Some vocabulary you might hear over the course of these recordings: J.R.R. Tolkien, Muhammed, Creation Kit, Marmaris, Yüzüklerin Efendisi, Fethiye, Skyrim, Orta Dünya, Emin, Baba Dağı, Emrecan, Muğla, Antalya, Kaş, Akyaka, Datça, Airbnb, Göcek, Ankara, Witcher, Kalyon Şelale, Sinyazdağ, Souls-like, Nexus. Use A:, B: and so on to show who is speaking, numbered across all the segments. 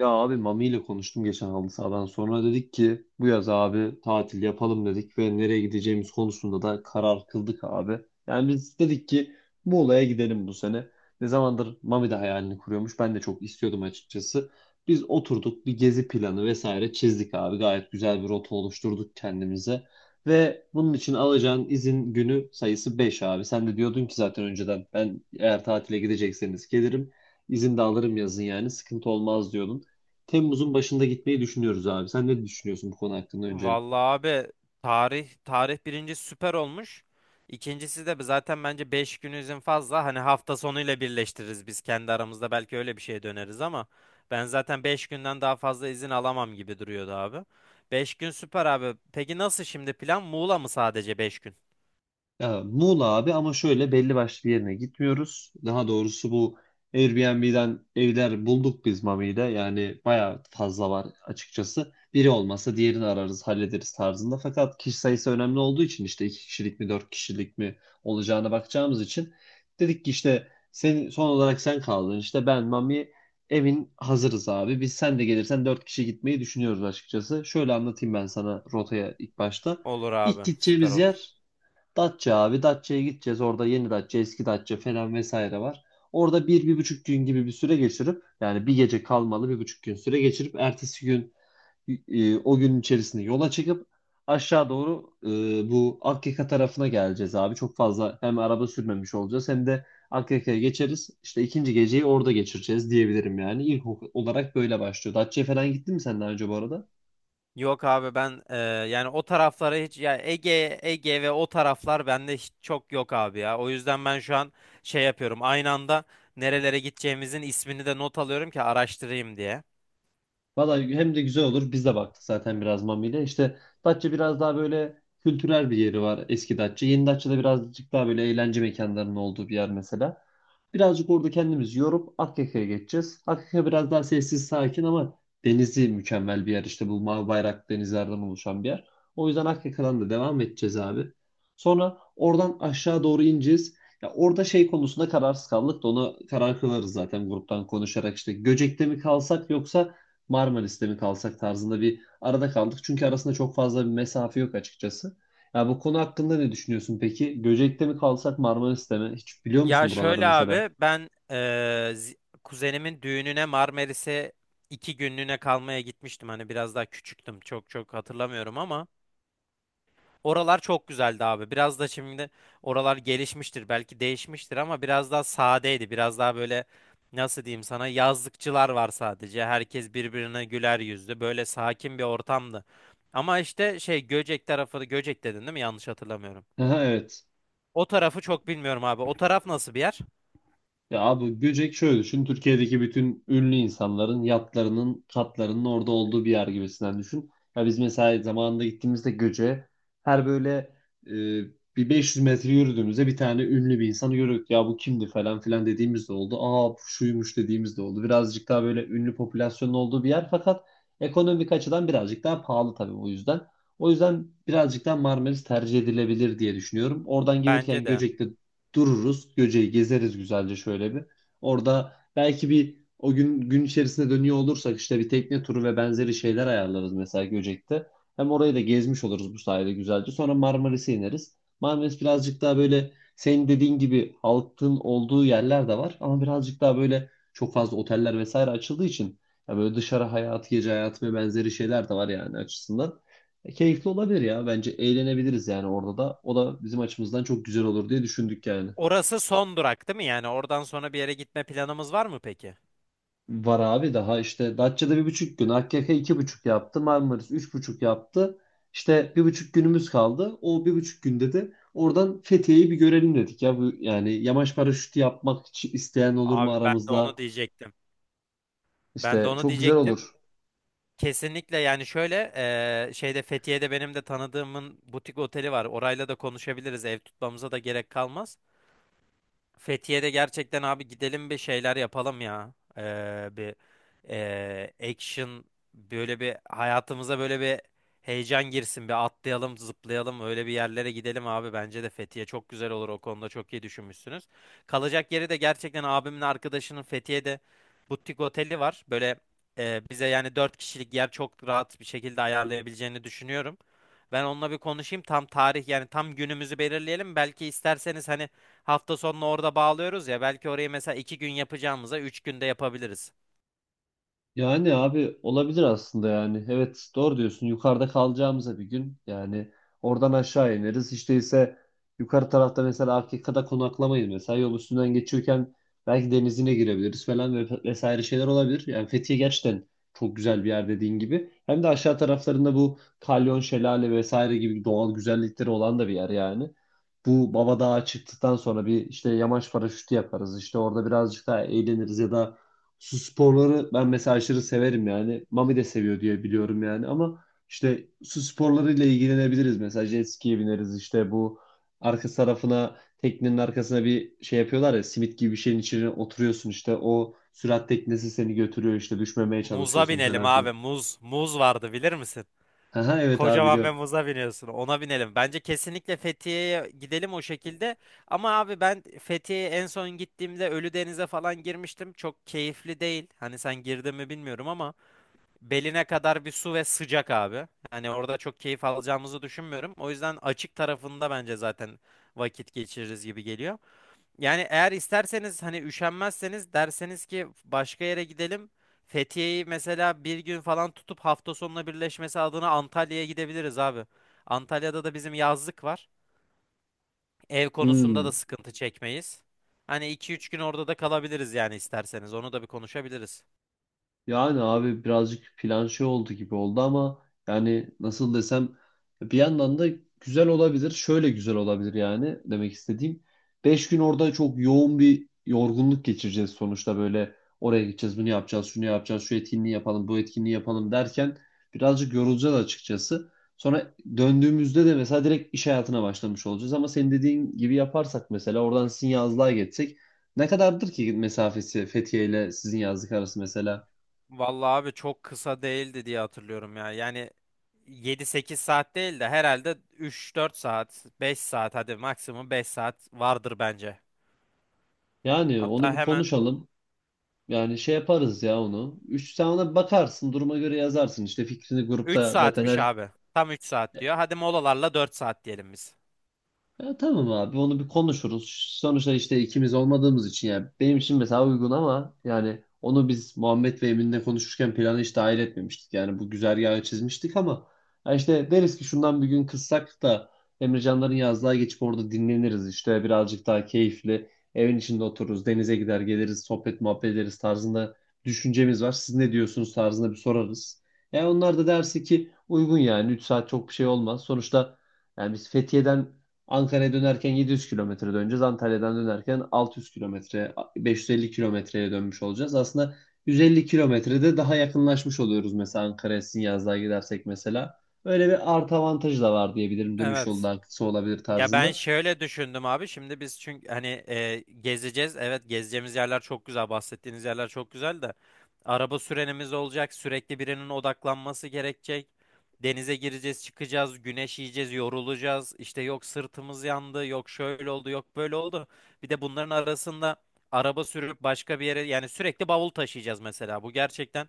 A: Ya abi Mami ile konuştum geçen halı sahadan sonra dedik ki bu yaz abi tatil yapalım dedik ve nereye gideceğimiz konusunda da karar kıldık abi. Yani biz dedik ki Muğla'ya gidelim bu sene. Ne zamandır Mami de hayalini kuruyormuş. Ben de çok istiyordum açıkçası. Biz oturduk bir gezi planı vesaire çizdik abi. Gayet güzel bir rota oluşturduk kendimize. Ve bunun için alacağın izin günü sayısı 5 abi. Sen de diyordun ki zaten önceden ben eğer tatile gidecekseniz gelirim. İzin de alırım yazın yani sıkıntı olmaz diyordun. Temmuz'un başında gitmeyi düşünüyoruz abi. Sen ne düşünüyorsun bu konu hakkında öncelikle?
B: Vallahi abi tarih tarih birinci süper olmuş. İkincisi de zaten bence 5 gün izin fazla. Hani hafta sonuyla birleştiririz biz kendi aramızda belki öyle bir şeye döneriz ama ben zaten 5 günden daha fazla izin alamam gibi duruyordu abi. 5 gün süper abi. Peki nasıl şimdi plan? Muğla mı sadece 5 gün?
A: Ya, Muğla abi ama şöyle belli başlı bir yerine gitmiyoruz. Daha doğrusu bu Airbnb'den evler bulduk biz Mami'de. Yani bayağı fazla var açıkçası. Biri olmasa diğerini ararız, hallederiz tarzında. Fakat kişi sayısı önemli olduğu için işte iki kişilik mi, dört kişilik mi olacağına bakacağımız için dedik ki işte sen, son olarak sen kaldın. İşte ben, Mami evin hazırız abi. Biz sen de gelirsen dört kişi gitmeyi düşünüyoruz açıkçası. Şöyle anlatayım ben sana rotaya ilk başta.
B: Olur
A: İlk
B: abi. Süper
A: gideceğimiz
B: olur.
A: yer Datça abi. Datça'ya gideceğiz. Orada yeni Datça, eski Datça falan vesaire var. Orada bir, bir buçuk gün gibi bir süre geçirip yani bir gece kalmalı bir buçuk gün süre geçirip ertesi gün o gün içerisinde yola çıkıp aşağı doğru bu Akyaka tarafına geleceğiz abi. Çok fazla hem araba sürmemiş olacağız hem de Akyaka'ya geçeriz. İşte ikinci geceyi orada geçireceğiz diyebilirim yani. Olarak böyle başlıyor. Datça'ya falan gittin mi sen daha önce bu arada?
B: Yok abi ben yani o taraflara hiç yani Ege ve o taraflar bende hiç çok yok abi ya. O yüzden ben şu an şey yapıyorum. Aynı anda nerelere gideceğimizin ismini de not alıyorum ki araştırayım diye.
A: Valla hem de güzel olur. Biz de baktık zaten biraz Mami'yle. İşte Datça biraz daha böyle kültürel bir yeri var eski Datça. Yeni Datça'da birazcık daha böyle eğlence mekanlarının olduğu bir yer mesela. Birazcık orada kendimizi yorup Akyaka'ya geçeceğiz. Akyaka biraz daha sessiz sakin ama denizi mükemmel bir yer. İşte bu mavi bayrak denizlerden oluşan bir yer. O yüzden Akyaka'dan da devam edeceğiz abi. Sonra oradan aşağı doğru ineceğiz. Ya orada şey konusunda kararsız kaldık da onu karar kılarız zaten gruptan konuşarak işte Göcek'te mi kalsak yoksa Marmaris'te mi kalsak tarzında bir arada kaldık. Çünkü arasında çok fazla bir mesafe yok açıkçası. Ya bu konu hakkında ne düşünüyorsun peki? Göcek'te mi kalsak Marmaris'te mi? Hiç biliyor
B: Ya
A: musun buraları
B: şöyle
A: mesela?
B: abi ben zi- kuzenimin düğününe Marmaris'e 2 günlüğüne kalmaya gitmiştim. Hani biraz daha küçüktüm. Çok çok hatırlamıyorum ama. Oralar çok güzeldi abi. Biraz da şimdi oralar gelişmiştir, belki değişmiştir ama biraz daha sadeydi. Biraz daha böyle nasıl diyeyim sana yazlıkçılar var sadece. Herkes birbirine güler yüzlü. Böyle sakin bir ortamdı. Ama işte şey Göcek tarafı, Göcek dedin değil mi? Yanlış hatırlamıyorum.
A: Aha, evet.
B: O tarafı çok bilmiyorum abi. O taraf nasıl bir yer?
A: Ya abi Göcek şöyle düşün. Türkiye'deki bütün ünlü insanların yatlarının, katlarının orada olduğu bir yer gibisinden düşün. Ya biz mesela zamanında gittiğimizde Göcek'e her böyle e, bir 500 metre yürüdüğümüzde bir tane ünlü bir insanı görüyorduk. Ya bu kimdi falan filan dediğimiz de oldu. Aa bu şuymuş dediğimiz de oldu. Birazcık daha böyle ünlü popülasyonun olduğu bir yer fakat ekonomik açıdan birazcık daha pahalı tabii o yüzden. O yüzden birazcık daha Marmaris tercih edilebilir diye düşünüyorum. Oradan
B: Bence
A: gelirken
B: de.
A: Göcek'te dururuz. Göce'yi gezeriz güzelce şöyle bir. Orada belki bir o gün içerisinde dönüyor olursak işte bir tekne turu ve benzeri şeyler ayarlarız mesela Göcek'te. Hem orayı da gezmiş oluruz bu sayede güzelce. Sonra Marmaris'e ineriz. Marmaris birazcık daha böyle senin dediğin gibi halkın olduğu yerler de var ama birazcık daha böyle çok fazla oteller vesaire açıldığı için ya böyle dışarı hayatı, gece hayatı ve benzeri şeyler de var yani açısından. Keyifli olabilir ya. Bence eğlenebiliriz yani orada da. O da bizim açımızdan çok güzel olur diye düşündük yani.
B: Orası son durak değil mi? Yani oradan sonra bir yere gitme planımız var mı peki?
A: Var abi daha işte Datça'da bir buçuk gün, AKK iki buçuk yaptı, Marmaris üç buçuk yaptı. İşte bir buçuk günümüz kaldı. O bir buçuk günde de oradan Fethiye'yi bir görelim dedik ya. Bu, yani yamaç paraşütü yapmak için isteyen olur mu
B: Abi ben de
A: aramızda?
B: onu diyecektim. Ben de
A: İşte
B: onu
A: çok güzel
B: diyecektim.
A: olur.
B: Kesinlikle yani şöyle şeyde Fethiye'de benim de tanıdığımın butik oteli var. Orayla da konuşabiliriz. Ev tutmamıza da gerek kalmaz. Fethiye'de gerçekten abi gidelim bir şeyler yapalım ya. Bir action böyle bir hayatımıza böyle bir heyecan girsin. Bir atlayalım, zıplayalım, öyle bir yerlere gidelim abi. Bence de Fethiye çok güzel olur. O konuda çok iyi düşünmüşsünüz. Kalacak yeri de gerçekten abimin arkadaşının Fethiye'de butik oteli var. Böyle bize yani 4 kişilik yer çok rahat bir şekilde ayarlayabileceğini düşünüyorum. Ben onunla bir konuşayım. Tam tarih yani tam günümüzü belirleyelim. Belki isterseniz hani hafta sonunu orada bağlıyoruz ya belki orayı mesela 2 gün yapacağımıza 3 günde yapabiliriz.
A: Yani abi olabilir aslında yani. Evet doğru diyorsun. Yukarıda kalacağımıza bir gün yani oradan aşağı ineriz. Hiç değilse yukarı tarafta mesela Afrika'da konaklamayız mesela. Yol üstünden geçiyorken belki denizine girebiliriz falan ve vesaire şeyler olabilir. Yani Fethiye gerçekten çok güzel bir yer dediğin gibi. Hem de aşağı taraflarında bu Kalyon Şelale vesaire gibi doğal güzellikleri olan da bir yer yani. Bu Baba Dağı çıktıktan sonra bir işte yamaç paraşütü yaparız. İşte orada birazcık daha eğleniriz ya da su sporları ben mesela aşırı severim yani. Mami de seviyor diye biliyorum yani ama işte su sporlarıyla ilgilenebiliriz. Mesela jet ski'ye bineriz işte bu arka tarafına teknenin arkasına bir şey yapıyorlar ya simit gibi bir şeyin içine oturuyorsun işte o sürat teknesi seni götürüyor işte düşmemeye
B: Muza
A: çalışıyorsun
B: binelim
A: falan
B: abi
A: filan.
B: muz. Muz vardı bilir misin?
A: Aha evet abi
B: Kocaman bir
A: biliyorum.
B: muza biniyorsun ona binelim. Bence kesinlikle Fethiye'ye gidelim o şekilde. Ama abi ben Fethiye'ye en son gittiğimde Ölüdeniz'e falan girmiştim. Çok keyifli değil. Hani sen girdin mi bilmiyorum ama beline kadar bir su ve sıcak abi. Hani orada çok keyif alacağımızı düşünmüyorum. O yüzden açık tarafında bence zaten vakit geçiririz gibi geliyor. Yani eğer isterseniz hani üşenmezseniz derseniz ki başka yere gidelim. Fethiye'yi mesela bir gün falan tutup hafta sonuna birleşmesi adına Antalya'ya gidebiliriz abi. Antalya'da da bizim yazlık var. Ev konusunda da
A: Hmm.
B: sıkıntı çekmeyiz. Hani 2-3 gün orada da kalabiliriz yani isterseniz. Onu da bir konuşabiliriz.
A: Yani abi birazcık plan şey oldu gibi oldu ama yani nasıl desem bir yandan da güzel olabilir. Şöyle güzel olabilir yani demek istediğim. Beş gün orada çok yoğun bir yorgunluk geçireceğiz sonuçta böyle oraya gideceğiz bunu yapacağız şunu yapacağız şu etkinliği yapalım bu etkinliği yapalım derken birazcık yorulacağız açıkçası. Sonra döndüğümüzde de mesela direkt iş hayatına başlamış olacağız ama senin dediğin gibi yaparsak mesela oradan sizin yazlığa geçsek ne kadardır ki mesafesi Fethiye ile sizin yazlık arası mesela?
B: Vallahi abi çok kısa değildi diye hatırlıyorum ya. Yani 7-8 saat değil de herhalde 3-4 saat, 5 saat hadi maksimum 5 saat vardır bence.
A: Yani
B: Hatta
A: onu bir
B: hemen
A: konuşalım. Yani şey yaparız ya onu. Üç, sen ona bakarsın duruma göre yazarsın. İşte fikrini
B: 3
A: grupta zaten
B: saatmiş
A: her
B: abi. Tam 3 saat diyor. Hadi molalarla 4 saat diyelim biz.
A: ya tamam abi onu bir konuşuruz. Sonuçta işte ikimiz olmadığımız için yani benim için mesela uygun ama yani onu biz Muhammed ve Emin'le konuşurken planı hiç dahil etmemiştik. Yani bu güzergahı çizmiştik ama ya işte deriz ki şundan bir gün kıssak da Emrecanların yazlığa geçip orada dinleniriz işte birazcık daha keyifli evin içinde otururuz denize gider geliriz sohbet muhabbet ederiz tarzında düşüncemiz var. Siz ne diyorsunuz tarzında bir sorarız. Yani onlar da derse ki uygun yani 3 saat çok bir şey olmaz. Sonuçta yani biz Fethiye'den Ankara'ya dönerken 700 kilometre döneceğiz. Antalya'dan dönerken 600 kilometre, 550 kilometreye dönmüş olacağız. Aslında 150 kilometrede daha yakınlaşmış oluyoruz mesela Ankara'ya Sinyazdağ'a gidersek mesela. Öyle bir artı avantajı da var diyebilirim. Dönüş yolu
B: Evet.
A: daha kısa olabilir
B: Ya ben
A: tarzında.
B: şöyle düşündüm abi. Şimdi biz çünkü hani gezeceğiz. Evet gezeceğimiz yerler çok güzel. Bahsettiğiniz yerler çok güzel de. Araba sürenimiz olacak. Sürekli birinin odaklanması gerekecek. Denize gireceğiz, çıkacağız, güneş yiyeceğiz, yorulacağız. İşte yok sırtımız yandı, yok şöyle oldu, yok böyle oldu. Bir de bunların arasında araba sürüp başka bir yere yani sürekli bavul taşıyacağız mesela. Bu gerçekten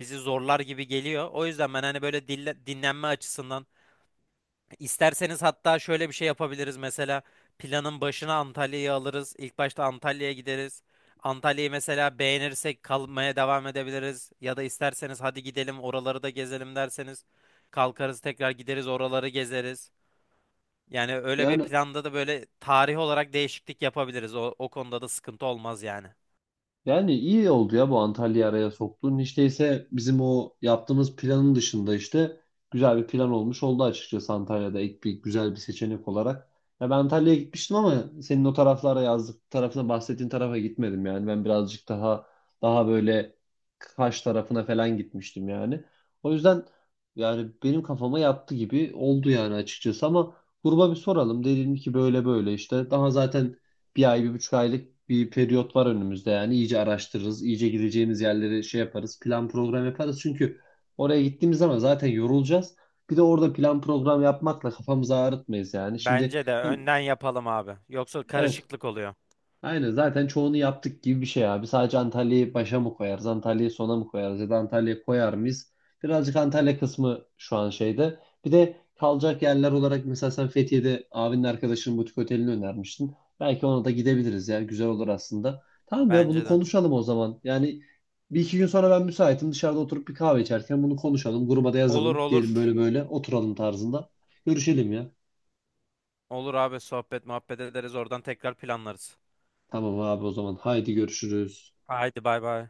B: bizi zorlar gibi geliyor. O yüzden ben hani böyle dinlenme açısından İsterseniz hatta şöyle bir şey yapabiliriz mesela planın başına Antalya'yı alırız. İlk başta Antalya'ya gideriz. Antalya'yı mesela beğenirsek kalmaya devam edebiliriz. Ya da isterseniz hadi gidelim oraları da gezelim derseniz kalkarız tekrar gideriz oraları gezeriz. Yani öyle bir
A: Yani
B: planda da böyle tarih olarak değişiklik yapabiliriz. O konuda da sıkıntı olmaz yani.
A: yani iyi oldu ya bu Antalya'yı araya soktuğun. Hiç değilse bizim o yaptığımız planın dışında işte güzel bir plan olmuş oldu açıkçası Antalya'da ek bir güzel bir seçenek olarak. Ya ben Antalya'ya gitmiştim ama senin o taraflara yazdık tarafına bahsettiğin tarafa gitmedim yani. Ben birazcık daha böyle Kaş tarafına falan gitmiştim yani. O yüzden yani benim kafama yattı gibi oldu yani açıkçası ama gruba bir soralım. Dedim ki böyle böyle işte daha zaten bir ay, bir buçuk aylık bir periyot var önümüzde yani. İyice araştırırız, iyice gideceğimiz yerleri şey yaparız, plan program yaparız. Çünkü oraya gittiğimiz zaman zaten yorulacağız. Bir de orada plan program yapmakla kafamızı ağrıtmayız yani. Şimdi
B: Bence de
A: hem-
B: önden yapalım abi. Yoksa
A: evet
B: karışıklık oluyor.
A: aynen zaten çoğunu yaptık gibi bir şey abi. Sadece Antalya'yı başa mı koyarız, Antalya'yı sona mı koyarız ya da Antalya'yı koyar mıyız? Birazcık Antalya kısmı şu an şeyde. Bir de kalacak yerler olarak mesela sen Fethiye'de abinin arkadaşının butik otelini önermiştin. Belki ona da gidebiliriz ya güzel olur aslında. Tamam ya bunu
B: Bence de.
A: konuşalım o zaman. Yani bir iki gün sonra ben müsaitim dışarıda oturup bir kahve içerken bunu konuşalım. Gruba da
B: Olur
A: yazalım.
B: olur.
A: Diyelim böyle böyle oturalım tarzında. Görüşelim ya.
B: Olur abi sohbet muhabbet ederiz oradan tekrar planlarız.
A: Tamam abi o zaman haydi görüşürüz.
B: Haydi bay bay.